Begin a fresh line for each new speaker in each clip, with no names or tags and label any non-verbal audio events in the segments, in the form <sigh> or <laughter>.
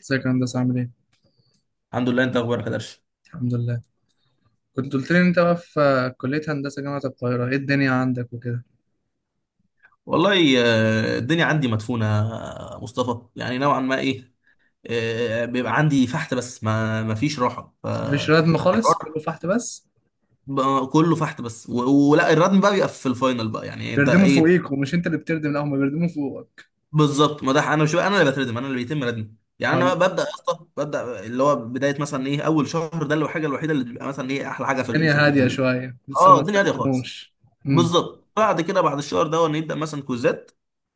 ازيك يا هندسة عامل ايه؟
الحمد لله. انت اخبارك يا درش؟
الحمد لله. كنت قلت لي ان انت بقى في كلية هندسة جامعة القاهرة، ايه الدنيا عندك وكده؟
والله آه، الدنيا عندي مدفونة. مصطفى، يعني نوعا ما ايه. بيبقى عندي فحت بس ما فيش راحة.
مفيش ردم خالص،
هتروح
كله فحت بس.
بقى كله فحت بس ولا الردم بقى بيبقى في الفاينل بقى، يعني انت
بيردموا
ايه؟
فوقيك ومش انت اللي بتردم، لا هما بيردموا فوقك.
بالظبط، ما ده انا مش بقى انا اللي بتردم، انا اللي بيتم ردمي. يعني انا
اه
ببدا يا اسطى، ببدا اللي هو بدايه مثلا ايه اول شهر ده، اللي هو الحاجه الوحيده اللي بتبقى مثلا ايه احلى حاجه
الدنيا هادية شوية لسه
اه
ما
الدنيا هاديه خالص.
استخدموش. امم
بالظبط، بعد كده بعد الشهر ده نبدا مثلا كوزات.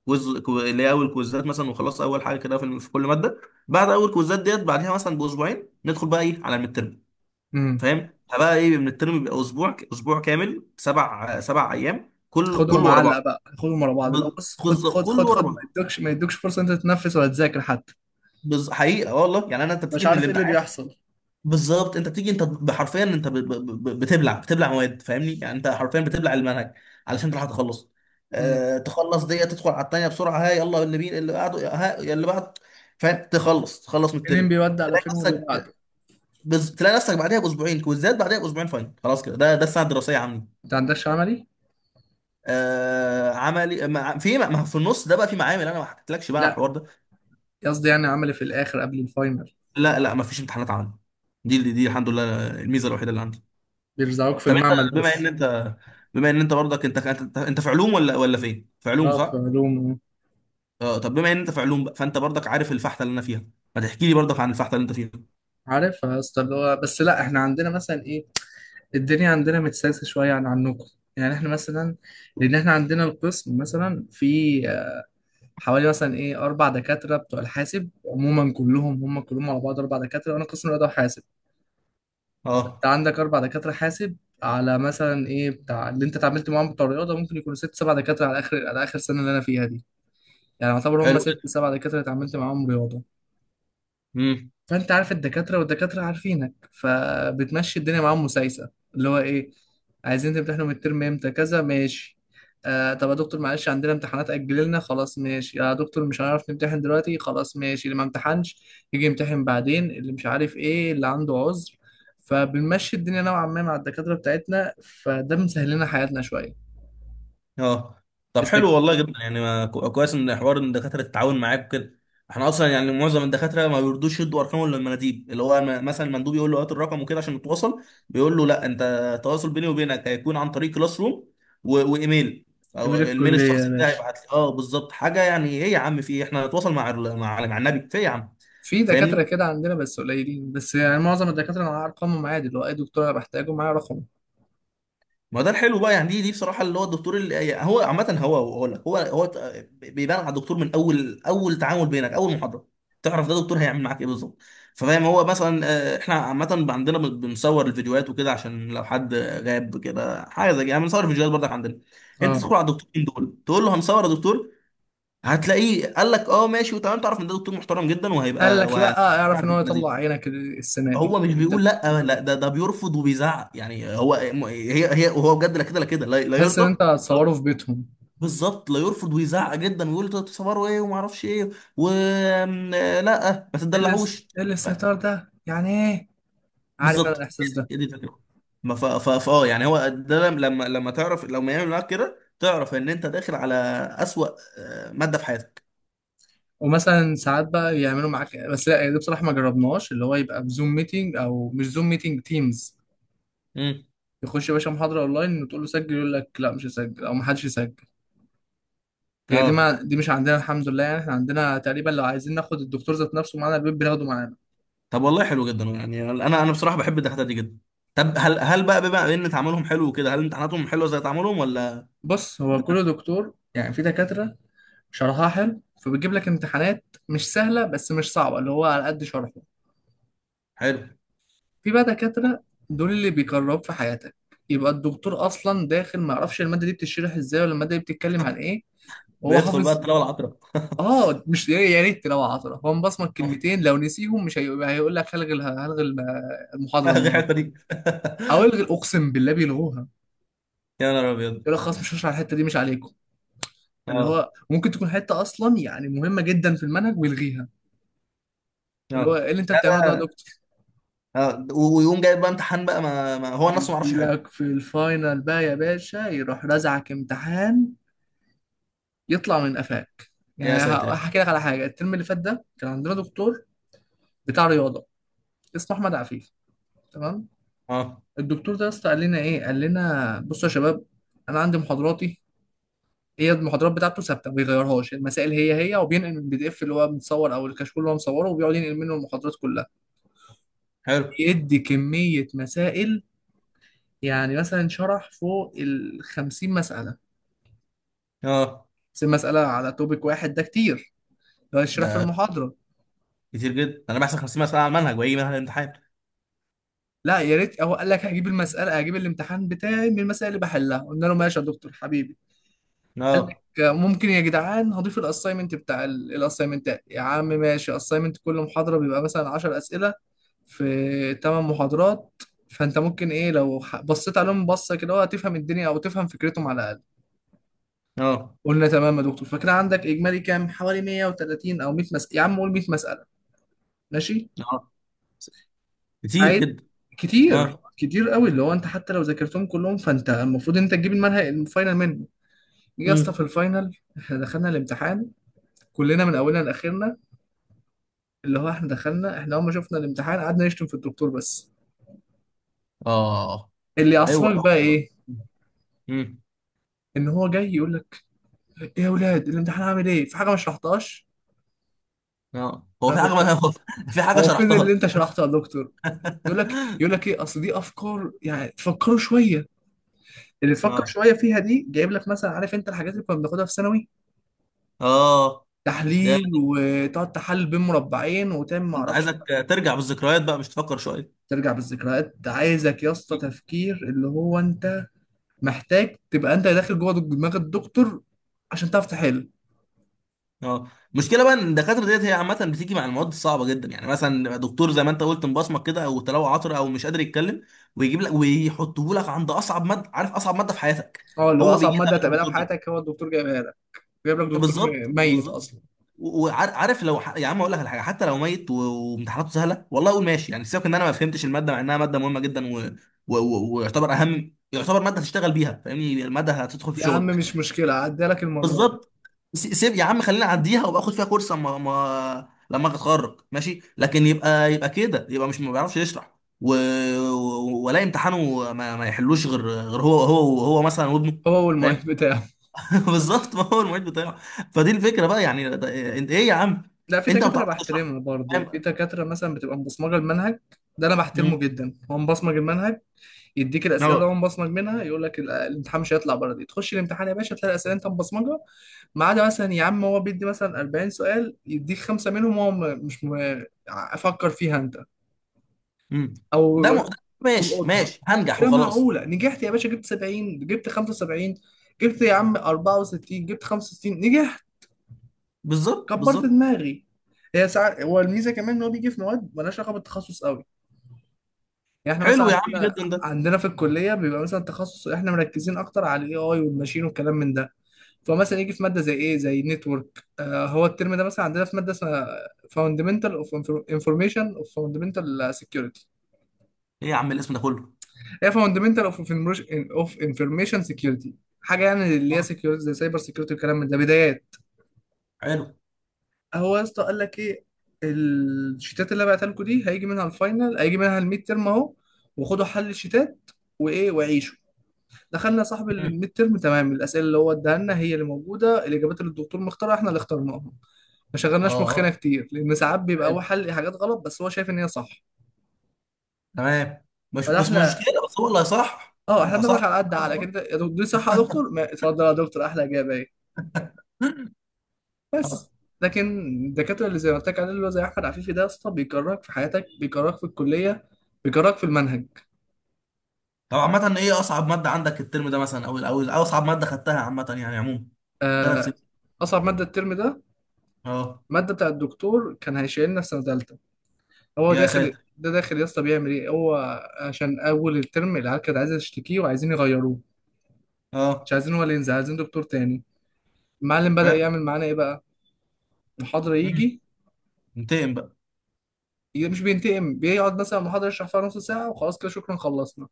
اللي هي اول كوزات مثلا، وخلاص اول حاجه كده في كل ماده. بعد اول كوزات ديت بعدها مثلا باسبوعين ندخل بقى ايه على الميد ترم.
امم
فاهم؟ فبقى ايه من الترم بيبقى اسبوع، اسبوع كامل، سبع ايام كل
خدهم
كله ورا
معلق
بعض.
بقى، خدهم ورا بعض بقى، بص خد
بالظبط،
خد
كله
خد
ورا
خد ما
بعض.
يدوكش ما يدوكش فرصة انت تتنفس ولا تذاكر حتى.
حقيقه والله، يعني انا انت بتيجي
مش
من
عارف ايه اللي
الامتحان.
بيحصل.
بالظبط، انت بتيجي انت بحرفيا، انت بتبلع مواد. فاهمني؟ يعني انت حرفيا بتبلع المنهج علشان تلحق تخلص.
امم
اه، تخلص دي تدخل على التانية بسرعة. ها، يلا اللي بين اللي بعده، ها اللي بعد. فاهم؟ تخلص، تخلص من
منين
الترم.
بيودي على
تلاقي
فين واللي
نفسك،
بعده.
تلاقي نفسك بعدها باسبوعين كويزات، بعدها باسبوعين فاينل، خلاص كده. ده ده السنة الدراسية عندي.
انت عندكش عملي؟
آه عملي ما في النص ده بقى في معامل، انا ما حكيتلكش بقى على
لا،
الحوار ده.
قصدي يعني عملي في الاخر قبل الفاينل.
لا ما فيش امتحانات عملي. دي دي الحمد لله الميزة الوحيدة اللي عندي.
بيرزعوك في
طب انت
المعمل
بما ان
بس.
انت، بما ان انت برضك، انت في علوم ولا ولا فين؟ في علوم
اه في
صح؟
علوم.
اه، طب بما ان انت في علوم بقى، فانت برضك عارف الفحته اللي انا فيها. ما تحكي لي برضك عن الفحته اللي انت فيها.
عارفها يا اسطى، اللي هو بس لا احنا عندنا مثلا ايه، الدنيا عندنا متسلسه شويه عن عنكم. يعني احنا مثلا، لان احنا عندنا القسم مثلا في حوالي مثلا ايه اربع دكاتره بتوع الحاسب عموما، كلهم هم كلهم على بعض اربع دكاتره، وانا قسم رياضه وحاسب. انت
اه،
عندك اربع دكاتره حاسب، على مثلا ايه بتاع اللي انت اتعاملت معاهم بتوع الرياضه ممكن يكونوا ست سبع دكاتره، على اخر على اخر سنه اللي انا فيها دي. يعني يعتبر هم
حلو
ست
جدا.
سبع دكاتره اتعاملت معاهم رياضه.
امم.
فانت عارف الدكاتره والدكاتره عارفينك، فبتمشي الدنيا معاهم مسايسه اللي هو ايه. عايزين تمتحنوا من الترم امتى؟ كذا، ماشي. آه طب يا دكتور معلش عندنا امتحانات اجل لنا، خلاص ماشي. يا دكتور مش هنعرف نمتحن دلوقتي، خلاص ماشي، اللي ما امتحنش يجي يمتحن بعدين اللي مش عارف ايه اللي عنده عذر. فبنمشي الدنيا نوعا ما مع الدكاتره بتاعتنا، فده مسهل لنا حياتنا شويه.
اه، طب حلو
استك-
والله جدا. يعني ما كويس ان حوار ان الدكاتره تتعاون معاك وكده. احنا اصلا يعني معظم الدكاتره ما بيرضوش يدوا ارقام ولا المناديب. اللي هو مثلا المندوب يقول له هات الرقم وكده عشان نتواصل، بيقول له لا، انت التواصل بيني وبينك هيكون عن طريق كلاس روم، وايميل او
جميل
الميل
الكليه يا
الشخصي بتاعي
باشا.
يبعت لي. اه بالظبط، حاجه يعني ايه يا عم في إيه؟ احنا نتواصل مع مع النبي في ايه يا عم.
في دكاترة
فاهمني؟
كده عندنا بس قليلين، بس يعني معظم الدكاترة أنا أرقامهم عادي، اللي هو أي دكتور أنا بحتاجه معايا رقم.
ما ده الحلو بقى، يعني دي دي بصراحه. اللي هو الدكتور اللي يعني هو عامه هو هو لك هو هو بيبان على الدكتور من اول، اول تعامل بينك، اول محاضره تعرف ده دكتور هيعمل معاك ايه بالظبط. فاهم؟ هو مثلا احنا عامه عندنا بنصور الفيديوهات وكده عشان لو حد غاب كده حاجه زي كده، يعني بنصور الفيديوهات برضك عندنا. انت
اه
تدخل على الدكتورين دول تقول له هنصور يا دكتور، هتلاقيه قال لك اه ماشي وتمام، تعرف ان ده دكتور محترم جدا
قال
وهيبقى
لك لا، اعرف ان هو يطلع عينك السنه
هو
دي
مش
انت.
بيقول لا، لا ده ده بيرفض وبيزعق. يعني هو هي هي، وهو بجد لا كده، لا كده، لا
تحس
يرضى.
ان انت
لا-
هتصوره في بيتهم.
بالظبط، لا يرفض ويزعق جدا ويقول انتوا بتصوروا ايه وما اعرفش ايه. و آم، آه، لا ما
ايه الاس-
تدلعوش.
إيه
ف-
الاستهتار ده؟ يعني ايه. عارف انا
بالظبط،
الاحساس ده.
هي دي الفكره. ما اه يعني هو ده لما تعرف لما يعمل معاك كده، تعرف ان انت داخل على اسوأ ماده في حياتك.
ومثلا ساعات بقى يعملوا معاك، بس لا ده بصراحه ما جربناش، اللي هو يبقى في زوم ميتنج او مش زوم ميتنج تيمز.
امم.
يخش يا باشا محاضره اونلاين وتقول له سجل، يقول لك لا مش هسجل او ما حدش يسجل. هي دي،
اه،
ما دي مش عندنا الحمد لله. يعني احنا عندنا تقريبا لو عايزين ناخد الدكتور ذات نفسه معانا البيت بناخده معانا.
طب والله حلو جدا. يعني انا، انا بصراحه بحب الدكاتره دي جدا. طب هل، هل بقى بما ان تعاملهم حلو كده، هل امتحاناتهم حلوه زي تعاملهم ولا؟
بص هو كل دكتور، يعني في دكاتره شرحها حلو فبتجيب لك امتحانات مش سهلة بس مش صعبة، اللي هو على قد شرحه.
حلو،
في بقى دكاترة دول اللي بيجرب في حياتك، يبقى الدكتور أصلا داخل ما يعرفش المادة دي بتشرح إزاي ولا المادة دي بتتكلم عن إيه، وهو
بيدخل بقى
حافظ.
الطلبه العطره.
آه مش يا ريت لو عطرة، هو مبصمك
<laughs>
كلمتين لو نسيهم مش هيقول لك هلغي هلغي المحاضرة
غير
النهاردة.
الحته دي. <laughs>
أو الغي، أقسم بالله بيلغوها.
يا نهار ابيض.
يقول لك خلاص مش هشرح الحتة دي، مش عليكم. اللي
اه،
هو ممكن تكون حتة أصلا يعني مهمة جدا في المنهج ويلغيها.
اه.
اللي هو إيه اللي أنت
ده
بتعمله ده يا
بقى،
دكتور؟
اه، ويقوم جايب بقى امتحان بقى، ما، ما هو نفسه ما يعرفش.
يجي
حلو.
لك في الفاينل بقى يا باشا، يروح رزعك امتحان يطلع من قفاك.
يا
يعني
ساتر يا رب.
هحكي لك على حاجه، الترم اللي فات ده كان عندنا دكتور بتاع رياضه اسمه احمد عفيف، تمام.
اه،
الدكتور ده يا اسطى قال لنا ايه، قال لنا بصوا يا شباب انا عندي محاضراتي. هي المحاضرات بتاعته ثابته ما بيغيرهاش، المسائل هي هي، وبينقل من البي دي اف اللي هو متصور او الكشكول اللي هو مصوره، وبيقعد ينقل منه المحاضرات كلها.
حلو.
يدي كميه مسائل، يعني مثلا شرح فوق ال 50 مساله،
اه،
بس المساله على توبيك واحد ده كتير لو يشرح في
ده
المحاضره.
كتير جدا. انا بحسب 50 مساله على المنهج وهيجي منهج الامتحان.
لا يا ريت، هو قال لك هجيب المساله، هجيب الامتحان بتاعي من المسائل اللي بحلها، قلنا له ماشي يا دكتور حبيبي.
اه،
ممكن يا جدعان هضيف الاساينمنت بتاع الاساينمنتات يا عم، ماشي، اساينمنت كل محاضره بيبقى مثلا 10 اسئله في 8 محاضرات، فانت ممكن ايه لو بصيت عليهم بصه كده، هو هتفهم الدنيا او تفهم فكرتهم على الاقل.
اه،
قلنا تمام يا دكتور، فكده عندك اجمالي كام، حوالي 130 او 100 مساله، يا عم قول 100 مساله، ماشي.
اه، كتير
عايز،
جدا.
كتير
اه،
كتير قوي، اللي هو انت حتى لو ذاكرتهم كلهم فانت المفروض انت تجيب المنهج الفاينل منه. جه يا اسطى في
امم.
الفاينل، احنا دخلنا الامتحان كلنا من اولنا لاخرنا، اللي هو احنا دخلنا، احنا اول ما شفنا الامتحان قعدنا نشتم في الدكتور بس.
اه،
اللي
هو،
يعصبك بقى ايه،
امم.
ان هو جاي يقول لك ايه يا اولاد الامتحان عامل ايه، في حاجه ما شرحتهاش؟
اه، هو
انا
في حاجه <laughs>
كنت،
هو في حاجه
هو فين اللي
شرحتها.
انت شرحته يا دكتور؟ يقول لك ايه، اصل دي افكار يعني تفكروا شويه. اللي تفكر
اه،
شويه فيها دي جايب لك، مثلا عارف انت الحاجات اللي كنا بناخدها في ثانوي،
اه، ده
تحليل وتقعد تحلل بين مربعين وتعمل ما
انت
اعرفش.
عايزك ترجع بالذكريات بقى مش تفكر شويه.
ترجع بالذكريات، ده عايزك يا اسطى تفكير، اللي هو انت محتاج تبقى انت داخل جوه دماغ الدكتور عشان تعرف تحل.
اه، المشكله بقى ان الدكاتره ديت هي عامه بتيجي مع المواد الصعبه جدا، يعني مثلا دكتور زي ما انت قلت مبصمك كده، او تلاوه عطره، او مش قادر يتكلم، ويجيب لك ويحطه لك عند اصعب ماده. عارف اصعب ماده في حياتك
اه اللي هو
هو
اصعب
بيجي
ماده
لك
هتقابلها
الدكتور
في
ده.
حياتك هو الدكتور جايبها لك. جايب لك دكتور
بالظبط،
ميت
بالظبط.
اصلا.
وعارف، لو يا عم اقول لك على حاجه، حتى لو ميت وامتحاناته سهله، والله اقول ماشي. يعني سيبك ان انا ما فهمتش الماده، مع انها ماده مهمه جدا، ويعتبر اهم، يعتبر ماده تشتغل بيها. فاهمني؟ الماده هتدخل في
يا عم
شغلك.
مش مشكله عدي لك المره دي.
بالظبط. سيب يا عم، خلينا اعديها وابقى اخد فيها كورس اما ما... لما أجي اتخرج ماشي، لكن يبقى، يبقى كده يبقى مش ما بيعرفش يشرح، و... ولا امتحانه ما يحلوش غير، غير هو مثلا وابنه.
هو والمعيد
فاهم؟
بتاعه.
<laughs> بالظبط، ما هو المعيد بتاعه. فدي الفكره بقى، يعني ده، انت ايه يا عم؟
لا في
انت ما
دكاتره
بتعرفش تشرح.
بحترمها برضه،
فاهم؟
في دكاتره مثلا بتبقى مبصمجه المنهج، ده انا
مم.
بحترمه جدا هو مبصمج المنهج، يديك
اه.
الاسئله وأنا مبصمج منها. يقول لك الامتحان مش هيطلع بره دي، تخش الامتحان يا باشا تلاقي الاسئله انت مبصمجها. ما عدا مثلا يا عم هو بيدي مثلا 40 سؤال، يديك خمسه منهم هو م- مش م- افكر فيها انت.
امم.
او
ده ماشي،
تلقطها،
ماشي هنجح
كده
وخلاص.
معقوله نجحت يا باشا، جبت 70، جبت 75، جبت يا عم 64، جبت 65، نجحت.
بالظبط،
كبرت
بالظبط.
دماغي. هي ساعات هو الميزه كمان ان هو بيجي في مواد مالهاش علاقه بالتخصص قوي. يعني احنا مثلا
حلو يا عم
عندنا،
جدا ده.
عندنا في الكليه بيبقى مثلا تخصص، احنا مركزين اكتر على الاي اي والماشين والكلام من ده. فمثلا يجي في ماده زي ايه، زي نتورك. آه هو الترم ده مثلا عندنا في ماده اسمها فاوندمنتال اوف انفورميشن اوف فاوندمنتال سكيورتي.
ايه يا عم الاسم ده كله؟
هي فاوندمنتال اوف اوف انفورميشن سكيورتي، حاجه يعني اللي هي
آه.
سكيورتي زي سايبر سكيورتي والكلام من ده بدايات.
حلو.
هو يا اسطى قال لك ايه، الشيتات اللي بعتها لكم دي هيجي منها الفاينل، هيجي منها الميد ترم اهو، وخدوا حل الشيتات وايه وعيشوا. دخلنا صاحب
مم.
الميد ترم، تمام، الاسئله اللي هو اداها لنا هي اللي موجوده، الاجابات اللي الدكتور مختارها احنا اللي اخترناها. ما شغلناش مخنا
اه،
كتير، لان ساعات بيبقى هو
حلو،
حل حاجات غلط بس هو شايف ان هي صح.
تمام. مش
فده
بس
احنا،
مشكله، بس هو اللي هيصح
اه احنا بناخد
اصح.
على قد على كده، يا دكتور دي صح، يا دكتور ما اتفضل يا دكتور احلى اجابه اهي.
آه.
بس لكن الدكاتره اللي زي ما قلت لك عليه، اللي هو زي احمد عفيفي ده، يا اسطى بيكرهك في حياتك، بيكرهك في الكليه، بيكرهك في المنهج.
طب عامه ايه اصعب ماده عندك الترم ده مثلا، او او أو اصعب ماده خدتها عامه يعني عموما
آه،
3 سنين؟
اصعب ماده الترم ده،
اه.
ماده بتاع الدكتور كان هيشيلنا في سنه تالتة. هو
يا
داخل،
ساتر.
ده داخل يا اسطى بيعمل ايه هو، عشان اول الترم العيال كانت عايزه تشتكيه وعايزين يغيروه،
اه،
مش عايزين هو اللي ينزل عايزين دكتور تاني. المعلم بدأ يعمل معانا ايه بقى، محاضره
حلو.
يجي،
انتقم بقى.
مش بينتقم، بيقعد مثلا المحاضره يشرح فيها نص ساعه وخلاص كده شكرا خلصنا.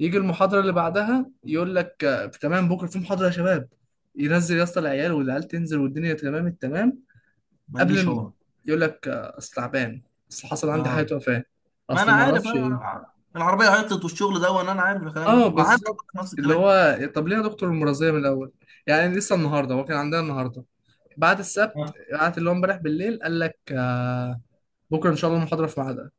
يجي المحاضره اللي بعدها يقول لك تمام بكره في محاضره يا شباب. ينزل يا اسطى العيال والعيال تنزل والدنيا تمام التمام.
ما
قبل
يجيش
م-
هو.
يقول لك اصل تعبان، اصل حصل عندي
اه،
حاجه، وفاه،
ما انا
اصل ما
عارف،
اعرفش ايه.
انا العربيه عطلت والشغل ده، وانا، انا عارف الكلام ده،
اه
ما عندك
بالظبط،
نفس
اللي
الكلام.
هو طب ليه يا دكتور المرضية من الأول؟ يعني لسه النهاردة هو كان عندنا النهاردة بعد السبت،
اه،
قعدت اللي هو امبارح بالليل قال لك آه بكرة إن شاء الله المحاضرة في ميعادها.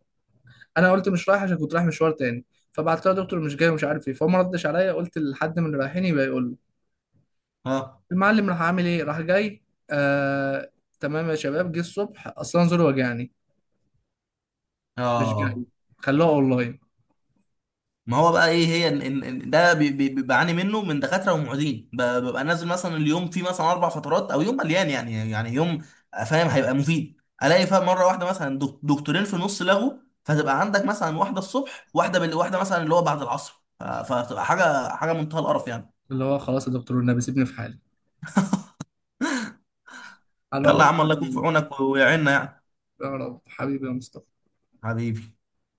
أنا قلت مش رايح عشان كنت رايح مشوار تاني، فبعت له يا دكتور مش جاي ومش عارف ايه، فهو ما ردش عليا، قلت لحد من اللي رايحين يبقى يقول له.
اه،
المعلم راح عامل ايه، راح جاي آه تمام يا شباب جه الصبح أصلا زوري وجعني، مش
اه.
جاي، خلوها أونلاين.
ما هو بقى ايه؟ هي إن ده بعاني منه من دكاتره ومعيدين. ببقى نازل مثلا اليوم فيه مثلا 4 فترات، او يوم مليان يعني، يعني فاهم هيبقى مفيد الاقي، فاهم مره واحده مثلا دكتورين في نص لغو، فتبقى عندك مثلا واحده الصبح، واحده واحده مثلا اللي هو بعد العصر، فتبقى حاجه، حاجه منتهى القرف يعني.
اللي هو خلاص يا دكتور والنبي سيبني في حالي. على
يلا يا
العموم
عم، الله يكون في
يعني،
عونك ويعيننا يعني.
يا رب حبيبي يا مصطفى.
حبيبي.